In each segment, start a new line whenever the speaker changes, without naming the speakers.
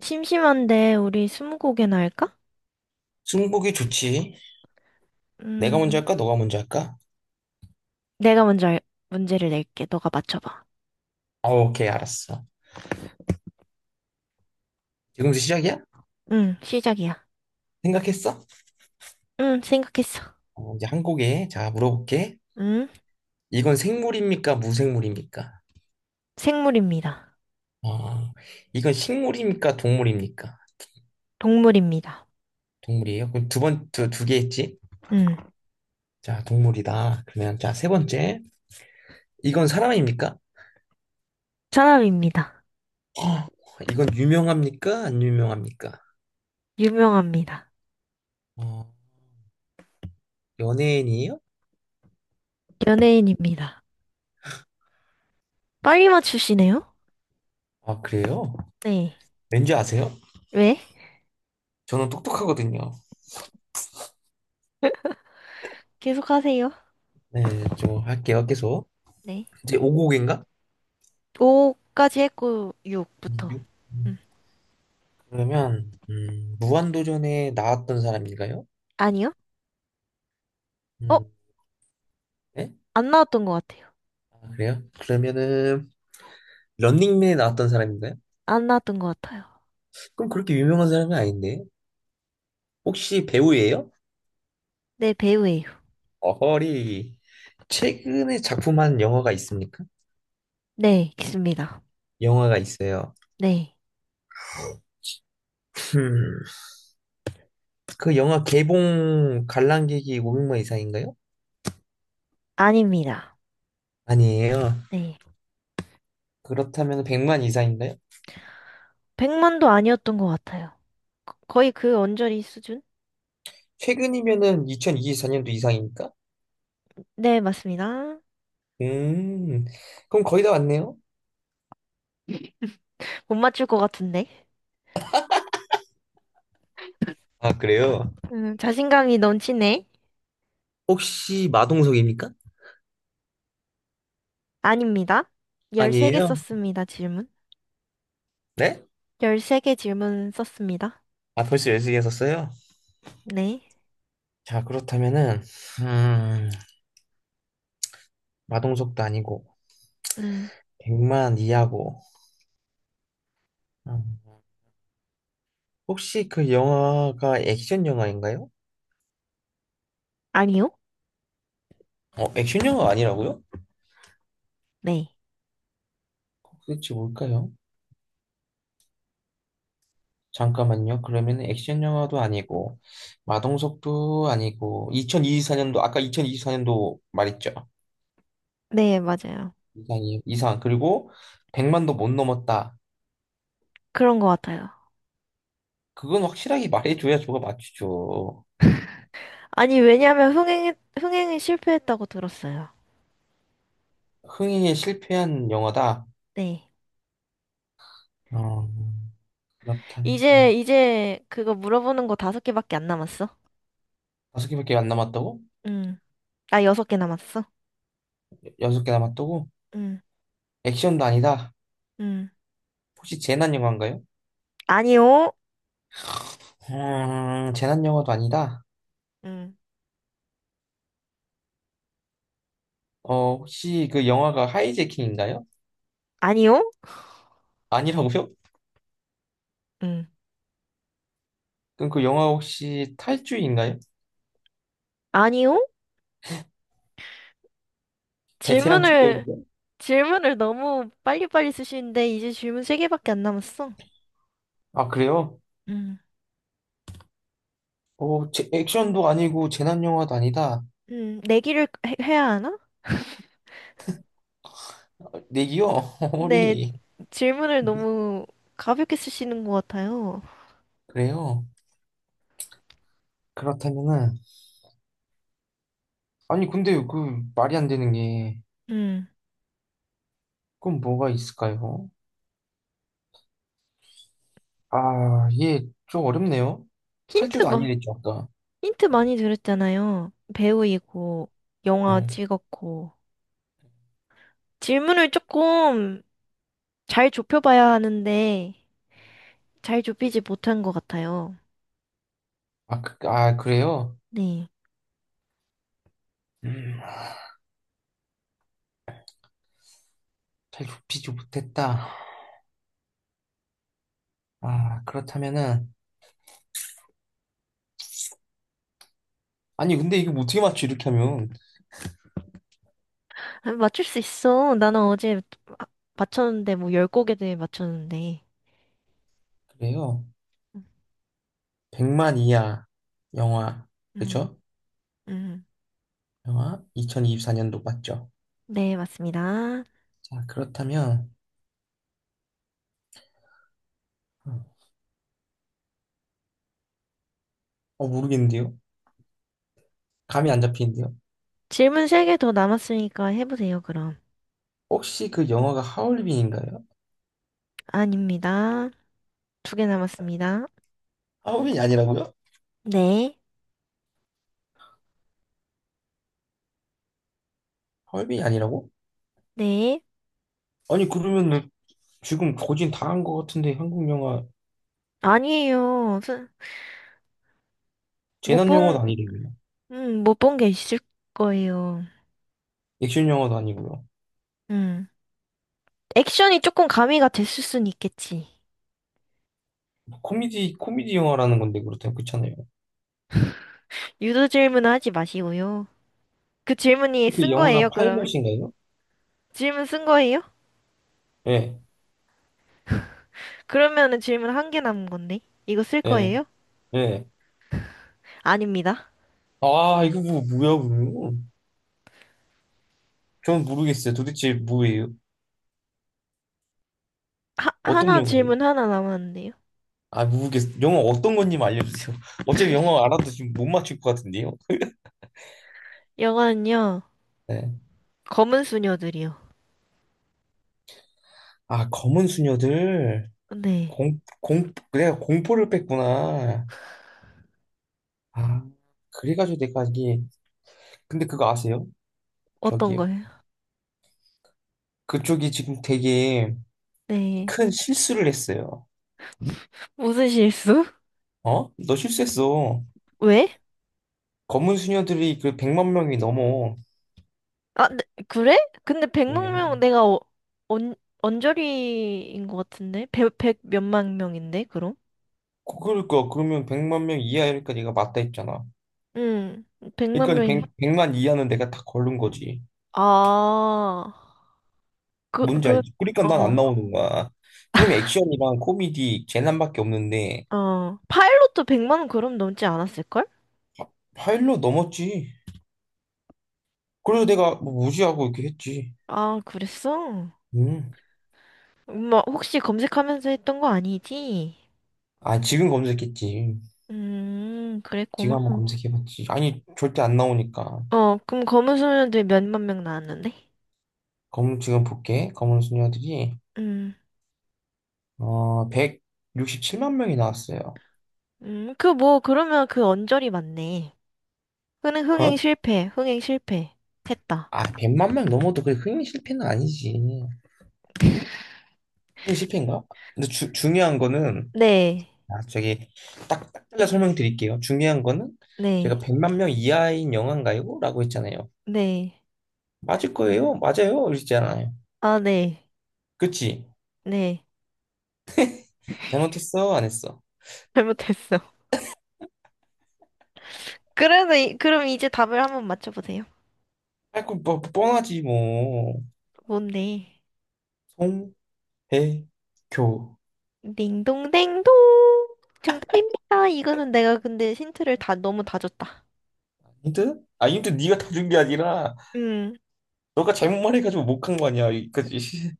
심심한데 우리 스무고개나 할까?
승복이 좋지. 내가 먼저
음,
할까? 너가 먼저 할까?
내가 먼저 문제를 낼게. 너가 맞춰봐.
어, 오케이, 알았어. 지금부터 시작이야?
응, 시작이야.
생각했어?
응, 생각했어.
어, 이제 한 곡에, 자, 물어볼게.
응,
이건 생물입니까? 무생물입니까?
생물입니다.
어, 이건 식물입니까? 동물입니까?
동물입니다.
동물이에요? 그럼 두 번, 두 개 했지?
응,
자, 동물이다. 그러면, 자, 세 번째. 이건 사람입니까?
사람입니다.
어, 이건 유명합니까? 안 유명합니까?
유명합니다.
어, 연예인이에요?
연예인입니다. 빨리 맞추시네요?
아, 그래요?
네.
왠지 아세요?
왜?
저는 똑똑하거든요.
계속하세요.
네, 좀 할게요, 계속.
네.
이제 5곡인가?
5까지 했고 6부터. 응.
그러면 무한도전에 나왔던 사람인가요?
아니요? 어?
음, 네?
안 나왔던 것 같아요.
아, 그래요? 그러면은 런닝맨에 나왔던 사람인가요?
안 나왔던 것 같아요.
그럼 그렇게 유명한 사람은 아닌데 혹시 배우예요?
네, 배우예요.
어허리 최근에 작품한 영화가 있습니까?
네, 있습니다.
영화가 있어요.
네.
음, 그 영화 개봉 관람객이 500만 이상인가요?
아닙니다.
아니에요.
네.
그렇다면 100만 이상인가요?
100만도 아니었던 것 같아요. 거의 그 언저리 수준?
최근이면은 2024년도 이상이니까?
네, 맞습니다.
음, 그럼 거의 다 왔네요.
못 맞출 것 같은데.
아, 그래요?
자신감이 넘치네.
혹시 마동석입니까?
아닙니다. 13개
아니에요.
썼습니다, 질문.
네?
13개 질문 썼습니다.
아, 벌써 열0시에 썼어요?
네.
자, 그렇다면은, 음, 마동석도 아니고,
음,
백만 이하고, 음, 혹시 그 영화가 액션 영화인가요?
아니요?
어, 액션 영화가 아니라고요?
네.
도대체 뭘까요? 잠깐만요. 그러면 액션 영화도 아니고, 마동석도 아니고, 2024년도, 아까 2024년도 말했죠.
네, 맞아요.
이상이에요. 이상. 그리고 백만도 못 넘었다.
그런 것 같아요.
그건 확실하게 말해줘야 저가 맞추죠.
아니, 왜냐면 흥행에 실패했다고 들었어요.
흥행에 실패한 영화다.
네.
어, 그렇다면
이제 그거 물어보는 거 다섯 개밖에 안 남았어.
다섯 개밖에 안 남았다고?
음. 나 여섯 개 남았어.
여섯 개 남았다고?
음,
액션도 아니다.
음.
혹시 재난 영화인가요?
아니요.
재난 영화도 아니다.
음.
어, 혹시 그 영화가 하이제킹인가요?
아니요?
아니라고요?
음.
그럼 그 영화 혹시 탈주인가요?
아니요?
베테랑
질문을,
투어인가요?
질문을 너무 빨리빨리 쓰시는데, 이제 질문 세개밖에안 남았어.
아, 그래요?
음.
어, 제, 액션도 아니고 재난 영화도 아니다.
내기를 해야 하나?
아, 내기요?
근데
허리.
질문을 너무 가볍게 쓰시는 것 같아요.
그래요? 그렇다면은 아니, 근데 그 말이 안 되는 게,
음.
그건 뭐가 있을까요? 아, 예, 좀 어렵네요.
힌트,
탈주도
마,
아니랬죠, 아까.
힌트 많이 드렸잖아요. 배우이고, 영화
음.
찍었고. 질문을 조금 잘 좁혀봐야 하는데, 잘 좁히지 못한 것 같아요.
그래요?
네.
음, 잘 좁히지 못했다. 아, 그렇다면은, 아니, 근데 이게 뭐 어떻게 맞죠, 이렇게 하면.
아니, 맞출 수 있어. 나는 어제 아, 맞췄는데, 뭐, 10곡에 대해 맞췄는데.
그래요. 100만 이하 영화,
음,
그죠?
음.
영화 2024년도 맞죠?
네, 맞습니다.
자, 그렇다면, 어, 모르겠는데요? 감이 안 잡히는데요?
질문 세 개 더 남았으니까 해보세요, 그럼.
혹시 그 영화가 하얼빈인가요?
아닙니다. 두 개 남았습니다.
하얼빈이 아니라고요?
네,
하얼빈이 아니라고?
네.
아니 그러면은 지금 거진 다 한 것 같은데 한국 영화
아니에요. 못
재난 영화도
본,
아니고요.
못 본 게 있을 거예요.
액션 영화도 아니고요.
음. 액션이 조금 가미가 됐을 순 있겠지.
뭐 코미디 영화라는 건데 그렇다면 그렇잖아요.
유도 질문은 하지 마시고요. 그
혹시
질문이
그
쓴
영화가
거예요, 그러면?
파이머신가요?
질문 쓴 거예요?
예,
그러면은 질문 한 개 남은 건데. 이거 쓸
예,
거예요?
예.
아닙니다.
아 이거 뭐 뭐야? 그러면? 전 모르겠어요. 도대체 뭐예요? 어떤
하나
영화예요?
질문 하나 남았는데요.
아 모르겠어요. 영화 어떤 건지 알려주세요. 어차피 영화 알아도 지금 못 맞출 것 같은데요.
영화는요,
네.
검은 수녀들이요.
아 검은 수녀들
네.
공 내가 공포를 뺐구나. 아 그래가지고 내가 이게 근데 그거 아세요?
어떤
저기요.
거예요?
그쪽이 지금 되게
네.
큰 실수를 했어요.
무슨 실수?
어? 너 실수했어.
왜?
검은 수녀들이 그 100만 명이 넘어.
아, 네, 그래? 근데 백만
네.
명 내가 어, 언, 언저리인 것 같은데? 백 몇만 명인데, 그럼?
그러니까 그러면 100만 명 이하니까 네가 맞다 했잖아.
응, 백만
그러니까
명이.
100, 만 이하는 내가 다 걸른 거지.
아, 그,
뭔지
그,
알지? 그러니까 난 안
어,
나오는 거야. 그럼 액션이랑 코미디 재난밖에 없는데
어. 파일럿도 100만 원 그럼 넘지 않았을걸?
파일로 넘었지. 그래서 내가 뭐 무시하고 이렇게 했지.
아, 그랬어?
음.
엄마 혹시 검색하면서 했던 거 아니지?
아, 지금 검색했지. 지금 한번
그랬구만.
검색해봤지. 아니, 절대 안 나오니까.
어, 그럼 검은소년들 몇만 명 나왔는데?
검, 지금 볼게. 검은 수녀들이,
음,
어, 167만 명이 나왔어요.
그 뭐, 그러면 그 언저리 맞네.
어?
흥행 실패. 했다.
아, 100만 명 넘어도 그게 흥행 실패는 아니지. 흥행 실패인가? 근데 주, 중요한 거는,
네,
아, 저기, 딱, 딱 잘라 설명드릴게요. 중요한 거는, 제가
네,
100만 명 이하인 영화인가요? 라고 했잖아요.
네.
맞을 거예요? 맞아요? 이랬잖아요.
아, 네,
그치?
네.
잘못했어? 안 했어?
잘못했어. 그래도, 그럼 이제 답을 한번 맞춰보세요.
아, 그, 뭐, 뻔하지, 뭐.
뭔데?
송, 배, 교.
딩동댕동! 정답입니다. 이거는 내가 근데 힌트를 다, 너무 다 줬다.
힌트? 아, 힌트 네가 다 준 게 아니라,
음,
너가 잘못만 해가지고 못 간 거 아니야. 그지?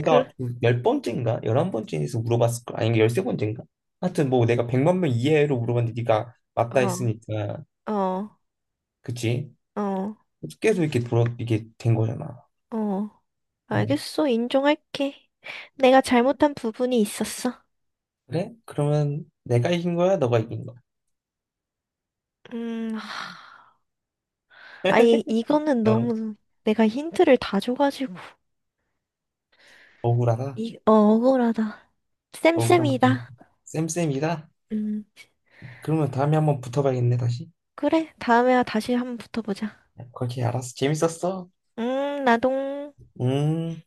그,
열 번째인가? 열한 번째에서 물어봤을 거 아니, 열세 번째인가? 하여튼 뭐 내가 백만 명 이하로 물어봤는데 네가 맞다
어.
했으니까.
어,
그치?
어,
계속 이렇게 돌아, 이게 된 거잖아.
어.
응.
알겠어. 인정할게. 내가 잘못한 부분이 있었어.
그래? 그러면 내가 이긴 거야? 너가 이긴 거야?
하, 아니, 이거는
어,
너무 내가 힌트를 다 줘가지고.
억울하다.
어, 억울하다.
억울한면
쌤쌤이다.
쌤쌤이다.
음,
그러면 다음에 한번 붙어봐야겠네, 다시.
그래. 다음에 다시 한번 붙어보자.
그렇게 알았어. 재밌었어?
나동.
음.